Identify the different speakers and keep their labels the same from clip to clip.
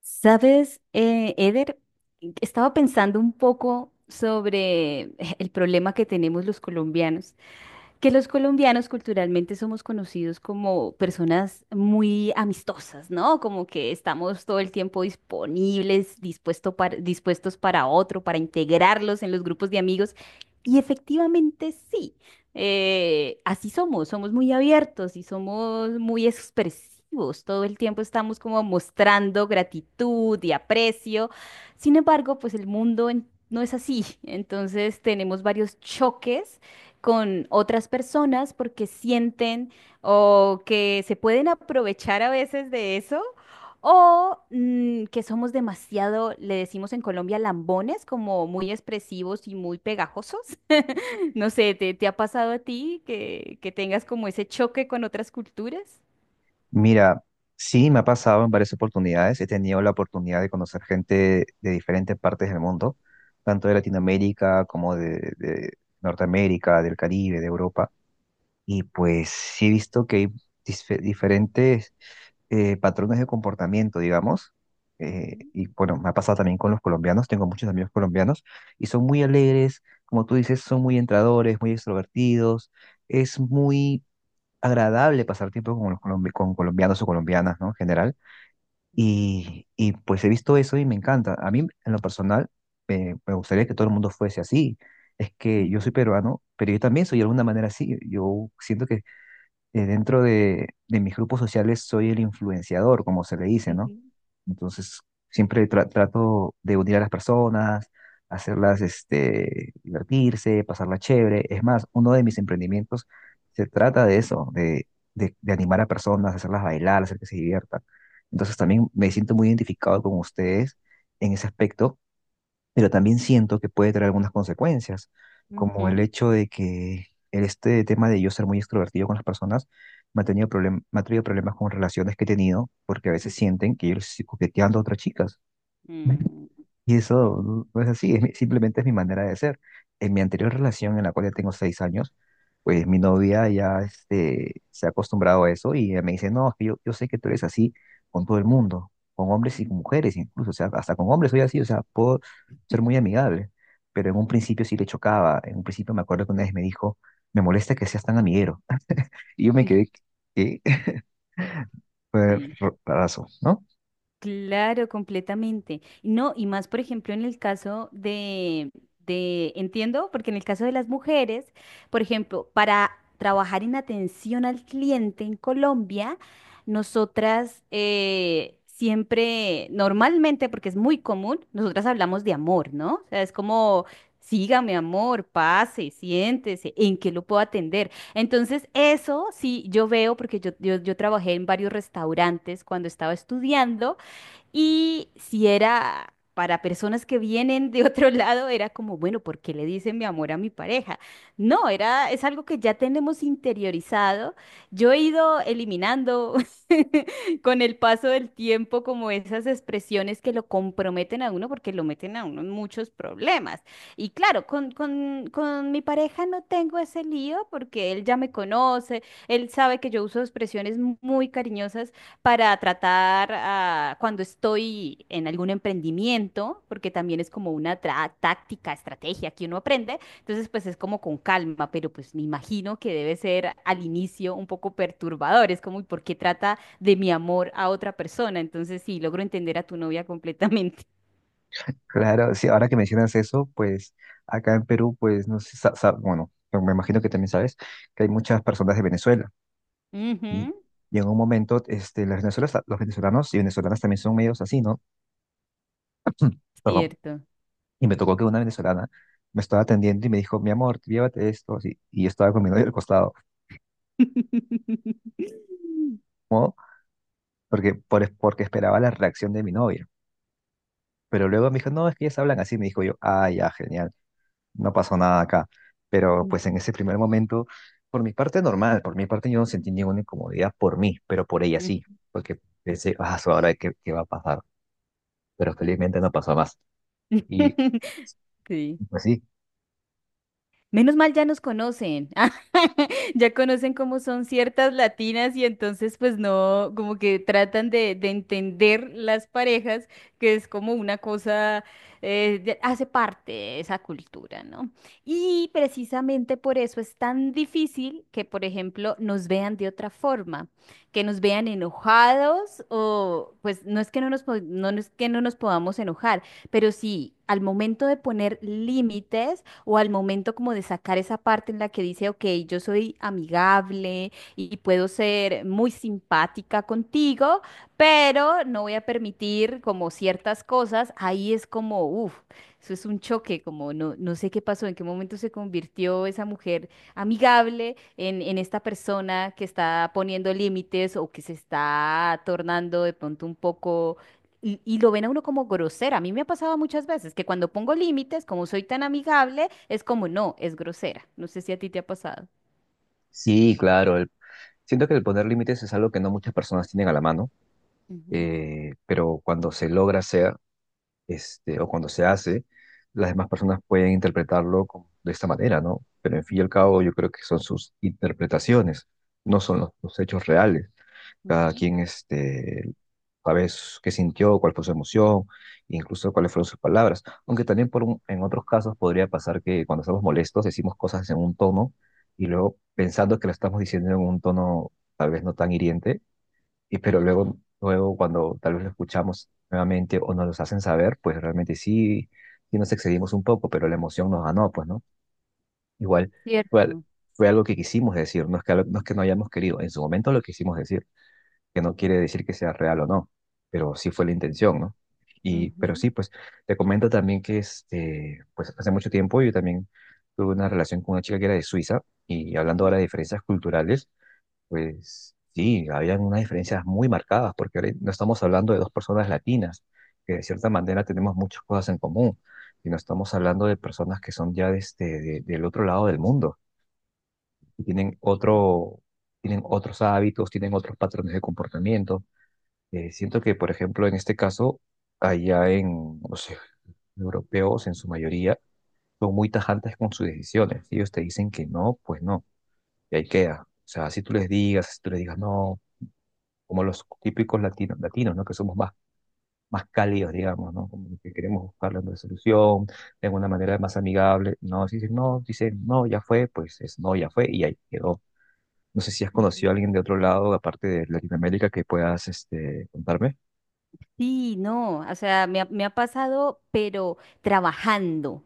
Speaker 1: Sabes, Eder, estaba pensando un poco sobre el problema que tenemos los colombianos, que los colombianos culturalmente somos conocidos como personas muy amistosas, ¿no? Como que estamos todo el tiempo disponibles, dispuestos para otro, para integrarlos en los grupos de amigos. Y efectivamente sí, así somos, somos muy abiertos y somos muy expresivos. Todo el tiempo estamos como mostrando gratitud y aprecio. Sin embargo, pues el mundo no es así. Entonces tenemos varios choques con otras personas porque sienten o que se pueden aprovechar a veces de eso o que somos demasiado, le decimos en Colombia, lambones, como muy expresivos y muy pegajosos. No sé, ¿te ha pasado a ti que tengas como ese choque con otras culturas?
Speaker 2: Mira, sí me ha pasado en varias oportunidades. He tenido la oportunidad de conocer gente de diferentes partes del mundo, tanto de Latinoamérica como de Norteamérica, del Caribe, de Europa. Y pues sí he visto que hay diferentes patrones de comportamiento, digamos. Eh,
Speaker 1: Ujú,
Speaker 2: y bueno, me ha pasado también con los colombianos. Tengo muchos amigos colombianos y son muy alegres, como tú dices, son muy entradores, muy extrovertidos. Es muy agradable pasar tiempo con, con colombianos o colombianas, ¿no? En general.
Speaker 1: ujú,
Speaker 2: Y pues he visto eso y me encanta. A mí, en lo personal, me gustaría que todo el mundo fuese así. Es que yo
Speaker 1: ujú,
Speaker 2: soy peruano, pero yo también soy de alguna manera así. Yo siento que dentro de mis grupos sociales soy el influenciador, como se le dice, ¿no? Entonces, siempre trato de unir a las personas, hacerlas este, divertirse, pasarla chévere. Es más, uno de mis emprendimientos se trata de eso, de animar a personas, hacerlas bailar, hacer que se diviertan. Entonces, también me siento muy identificado con ustedes en ese aspecto, pero también siento que puede traer algunas consecuencias, como el
Speaker 1: ujú,
Speaker 2: hecho de que este tema de yo ser muy extrovertido con las personas me ha traído problemas con relaciones que he tenido, porque a veces
Speaker 1: ujú,
Speaker 2: sienten que yo les estoy coqueteando a otras chicas.
Speaker 1: ujú,
Speaker 2: Y eso
Speaker 1: ujú,
Speaker 2: no es así, simplemente es mi manera de ser. En mi anterior relación, en la cual ya tengo 6 años, pues mi novia ya este, se ha acostumbrado a eso y ella me dice, no, es que yo sé que tú eres así con todo el mundo, con hombres y con mujeres incluso, o sea, hasta con hombres soy así, o sea, puedo ser muy amigable, pero en un principio sí le chocaba, en un principio me acuerdo que una vez me dijo, me molesta que seas tan amiguero, y yo me
Speaker 1: ujú,
Speaker 2: quedé, ¿qué? Fue
Speaker 1: sí.
Speaker 2: rarazo, ¿no?
Speaker 1: Claro, completamente. No, y más, por ejemplo, en el caso de entiendo, porque en el caso de las mujeres, por ejemplo, para trabajar en atención al cliente en Colombia, nosotras siempre, normalmente, porque es muy común, nosotras hablamos de amor, ¿no? O sea, es como, sígame, amor, pase, siéntese, ¿en qué lo puedo atender? Entonces, eso sí, yo veo, porque yo trabajé en varios restaurantes cuando estaba estudiando. Y si era para personas que vienen de otro lado, era como, bueno, ¿por qué le dicen mi amor a mi pareja? No, era, es algo que ya tenemos interiorizado. Yo he ido eliminando con el paso del tiempo como esas expresiones que lo comprometen a uno porque lo meten a uno en muchos problemas. Y claro, con mi pareja no tengo ese lío porque él ya me conoce, él sabe que yo uso expresiones muy cariñosas para tratar cuando estoy en algún emprendimiento, porque también es como una táctica, estrategia que uno aprende, entonces pues es como con calma, pero pues me imagino que debe ser al inicio un poco perturbador, es como, ¿y por qué trata de mi amor a otra persona? Entonces sí, logro entender a tu novia completamente.
Speaker 2: Claro, sí, ahora que mencionas eso, pues acá en Perú, pues no sé, bueno, pero me imagino que también sabes que hay muchas personas de Venezuela y,
Speaker 1: Ujú,
Speaker 2: y en un momento este, las venezolanas, los venezolanos y venezolanas también son medios así, ¿no? Perdón.
Speaker 1: cierto.
Speaker 2: Y me tocó que una venezolana me estaba atendiendo y me dijo, mi amor, llévate esto, así, y yo estaba con mi novia al costado, ¿no? Porque esperaba la reacción de mi novia. Pero luego me dijo, no, es que ellas hablan así, me dijo yo, ah, ya, genial. No pasó nada acá. Pero pues en ese primer momento, por mi parte normal, por mi parte yo no sentí ninguna incomodidad por mí, pero por ella
Speaker 1: Ujú.
Speaker 2: sí, porque pensé, ah, su, ahora qué va a pasar, pero felizmente no pasó más. Y
Speaker 1: Sí.
Speaker 2: pues sí,
Speaker 1: Menos mal ya nos conocen, ya conocen cómo son ciertas latinas y entonces pues no, como que tratan de entender las parejas, que es como una cosa, hace parte de esa cultura, ¿no? Y precisamente por eso es tan difícil que, por ejemplo, nos vean de otra forma, que nos vean enojados o pues no es que no nos, no, no es que no nos podamos enojar, pero sí, al momento de poner límites, o al momento como de sacar esa parte en la que dice, ok, yo soy amigable y puedo ser muy simpática contigo, pero no voy a permitir como ciertas cosas, ahí es como, uff, eso es un choque, como no, no sé qué pasó, en qué momento se convirtió esa mujer amigable en esta persona que está poniendo límites o que se está tornando de pronto un poco, y lo ven a uno como grosera. A mí me ha pasado muchas veces que cuando pongo límites, como soy tan amigable, es como no, es grosera. No sé si a ti te ha pasado.
Speaker 2: sí, claro, siento que el poner límites es algo que no muchas personas tienen a la mano,
Speaker 1: Ujú,
Speaker 2: pero cuando se logra hacer, este, o cuando se hace, las demás personas pueden interpretarlo de esta manera, ¿no? Pero en fin y
Speaker 1: u-
Speaker 2: al cabo yo creo que son sus interpretaciones, no son los hechos reales. Cada
Speaker 1: ujú.
Speaker 2: quien este, a veces qué sintió, cuál fue su emoción, incluso cuáles fueron sus palabras. Aunque también en otros casos podría pasar que cuando estamos molestos decimos cosas en un tono y luego pensando que lo estamos diciendo en un tono tal vez no tan hiriente, y, pero luego, luego cuando tal vez lo escuchamos nuevamente o nos los hacen saber, pues realmente sí, sí nos excedimos un poco, pero la emoción nos ganó, pues, ¿no? Igual fue,
Speaker 1: Cierto.
Speaker 2: fue algo que quisimos decir, no es que, no es que no hayamos querido, en su momento lo quisimos decir, que no quiere decir que sea real o no, pero sí fue la intención, ¿no? Y, pero
Speaker 1: Ujú.
Speaker 2: sí, pues te comento también que este, pues hace mucho tiempo yo también tuve una relación con una chica que era de Suiza, y hablando ahora de diferencias culturales, pues sí, habían unas diferencias muy marcadas porque ahora no estamos hablando de dos personas latinas, que de cierta manera tenemos muchas cosas en común, y no estamos hablando de personas que son ya de este, del otro lado del mundo y tienen
Speaker 1: Sí,
Speaker 2: otro, tienen otros hábitos, tienen otros patrones de comportamiento. Siento que, por ejemplo, en este caso, allá en los europeos, en su mayoría, son muy tajantes con sus decisiones. Ellos te dicen que no, pues no, y ahí queda. O sea, si tú les digas, si tú les digas no, como los típicos latinos, latinos, ¿no? Que somos más, más cálidos, digamos, ¿no? Como que queremos buscar la solución de una manera más amigable. No, si dicen no, dicen no, ya fue, pues es no, ya fue, y ahí quedó. No sé si has conocido a
Speaker 1: ujú.
Speaker 2: alguien de otro lado, aparte de Latinoamérica, que puedas, este, contarme.
Speaker 1: Sí, no, o sea, me ha pasado, pero trabajando.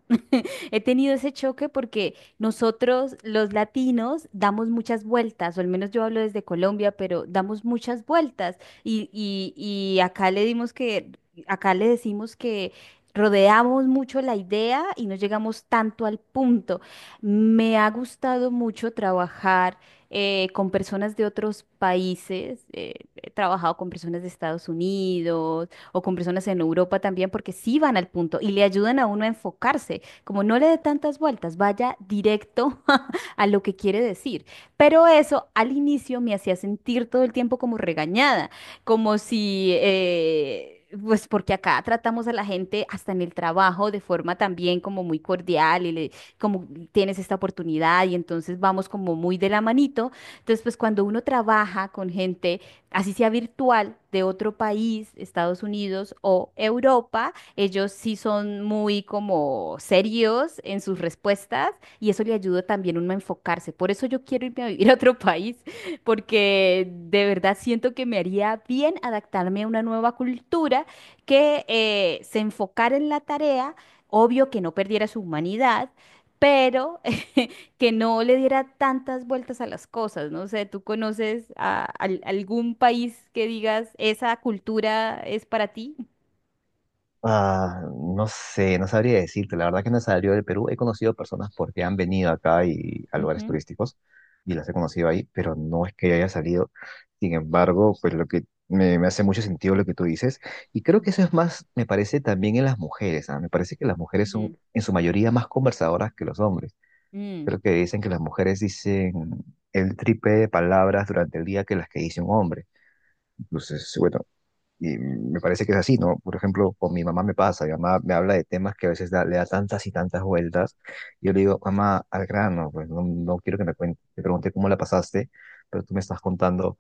Speaker 1: He tenido ese choque porque nosotros los latinos damos muchas vueltas, o al menos yo hablo desde Colombia, pero damos muchas vueltas y, y, y acá le acá le decimos que rodeamos mucho la idea y no llegamos tanto al punto. Me ha gustado mucho trabajar con personas de otros países, he trabajado con personas de Estados Unidos o con personas en Europa también porque sí van al punto y le ayudan a uno a enfocarse, como no le dé tantas vueltas, vaya directo a lo que quiere decir. Pero eso al inicio me hacía sentir todo el tiempo como regañada, como si... pues porque acá tratamos a la gente hasta en el trabajo de forma también como muy cordial como tienes esta oportunidad y entonces vamos como muy de la manito. Entonces, pues cuando uno trabaja con gente, así sea virtual, de otro país, Estados Unidos o Europa, ellos sí son muy como serios en sus respuestas y eso le ayuda también uno a enfocarse. Por eso yo quiero irme a vivir a otro país, porque de verdad siento que me haría bien adaptarme a una nueva cultura que se enfocara en la tarea, obvio que no perdiera su humanidad, pero que no le diera tantas vueltas a las cosas. No sé, ¿tú conoces algún país que digas esa cultura es para ti?
Speaker 2: Ah, no sé, no sabría decirte. La verdad que no he salido del Perú. He conocido personas porque han venido acá y a lugares
Speaker 1: Ujú,
Speaker 2: turísticos y las he conocido ahí, pero no es que yo haya salido. Sin embargo, pues lo que me hace mucho sentido lo que tú dices. Y creo que eso es más, me parece también en las mujeres, ¿ah? Me parece que las mujeres son
Speaker 1: ujú.
Speaker 2: en su mayoría más conversadoras que los hombres.
Speaker 1: Mm.
Speaker 2: Creo que dicen que las mujeres dicen el triple de palabras durante el día que las que dice un hombre. Entonces, bueno, y me parece que es así, ¿no? Por ejemplo, con mi mamá me pasa, mi mamá me habla de temas que a veces le da tantas y tantas vueltas. Y yo le digo, mamá, al grano, pues no, no quiero que me cuentes. Te pregunté cómo la pasaste, pero tú me estás contando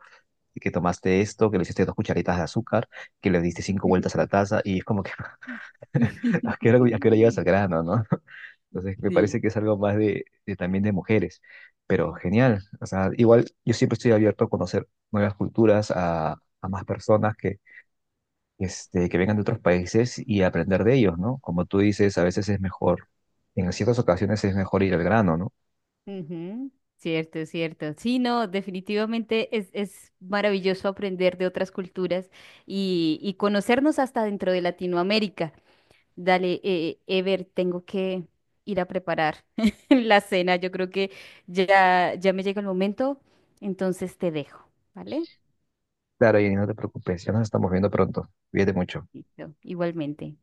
Speaker 2: que tomaste esto, que le hiciste 2 cucharitas de azúcar, que le diste 5 vueltas a la taza, y es como que, a qué hora llegas al grano, no? Entonces, me
Speaker 1: Sí.
Speaker 2: parece que es algo más de también de mujeres, pero genial. O sea, igual yo siempre estoy abierto a conocer nuevas culturas, a más personas que este, que vengan de otros países y aprender de ellos, ¿no? Como tú dices, a veces es mejor, en ciertas ocasiones es mejor ir al grano, ¿no?
Speaker 1: Ujú. Cierto, cierto. Sí, no, definitivamente es maravilloso aprender de otras culturas y conocernos hasta dentro de Latinoamérica. Dale, Ever, tengo que ir a preparar la cena. Yo creo que ya, ya me llega el momento, entonces te dejo, ¿vale?
Speaker 2: Claro, y no te preocupes, ya nos estamos viendo pronto. Cuídate mucho.
Speaker 1: Listo, igualmente.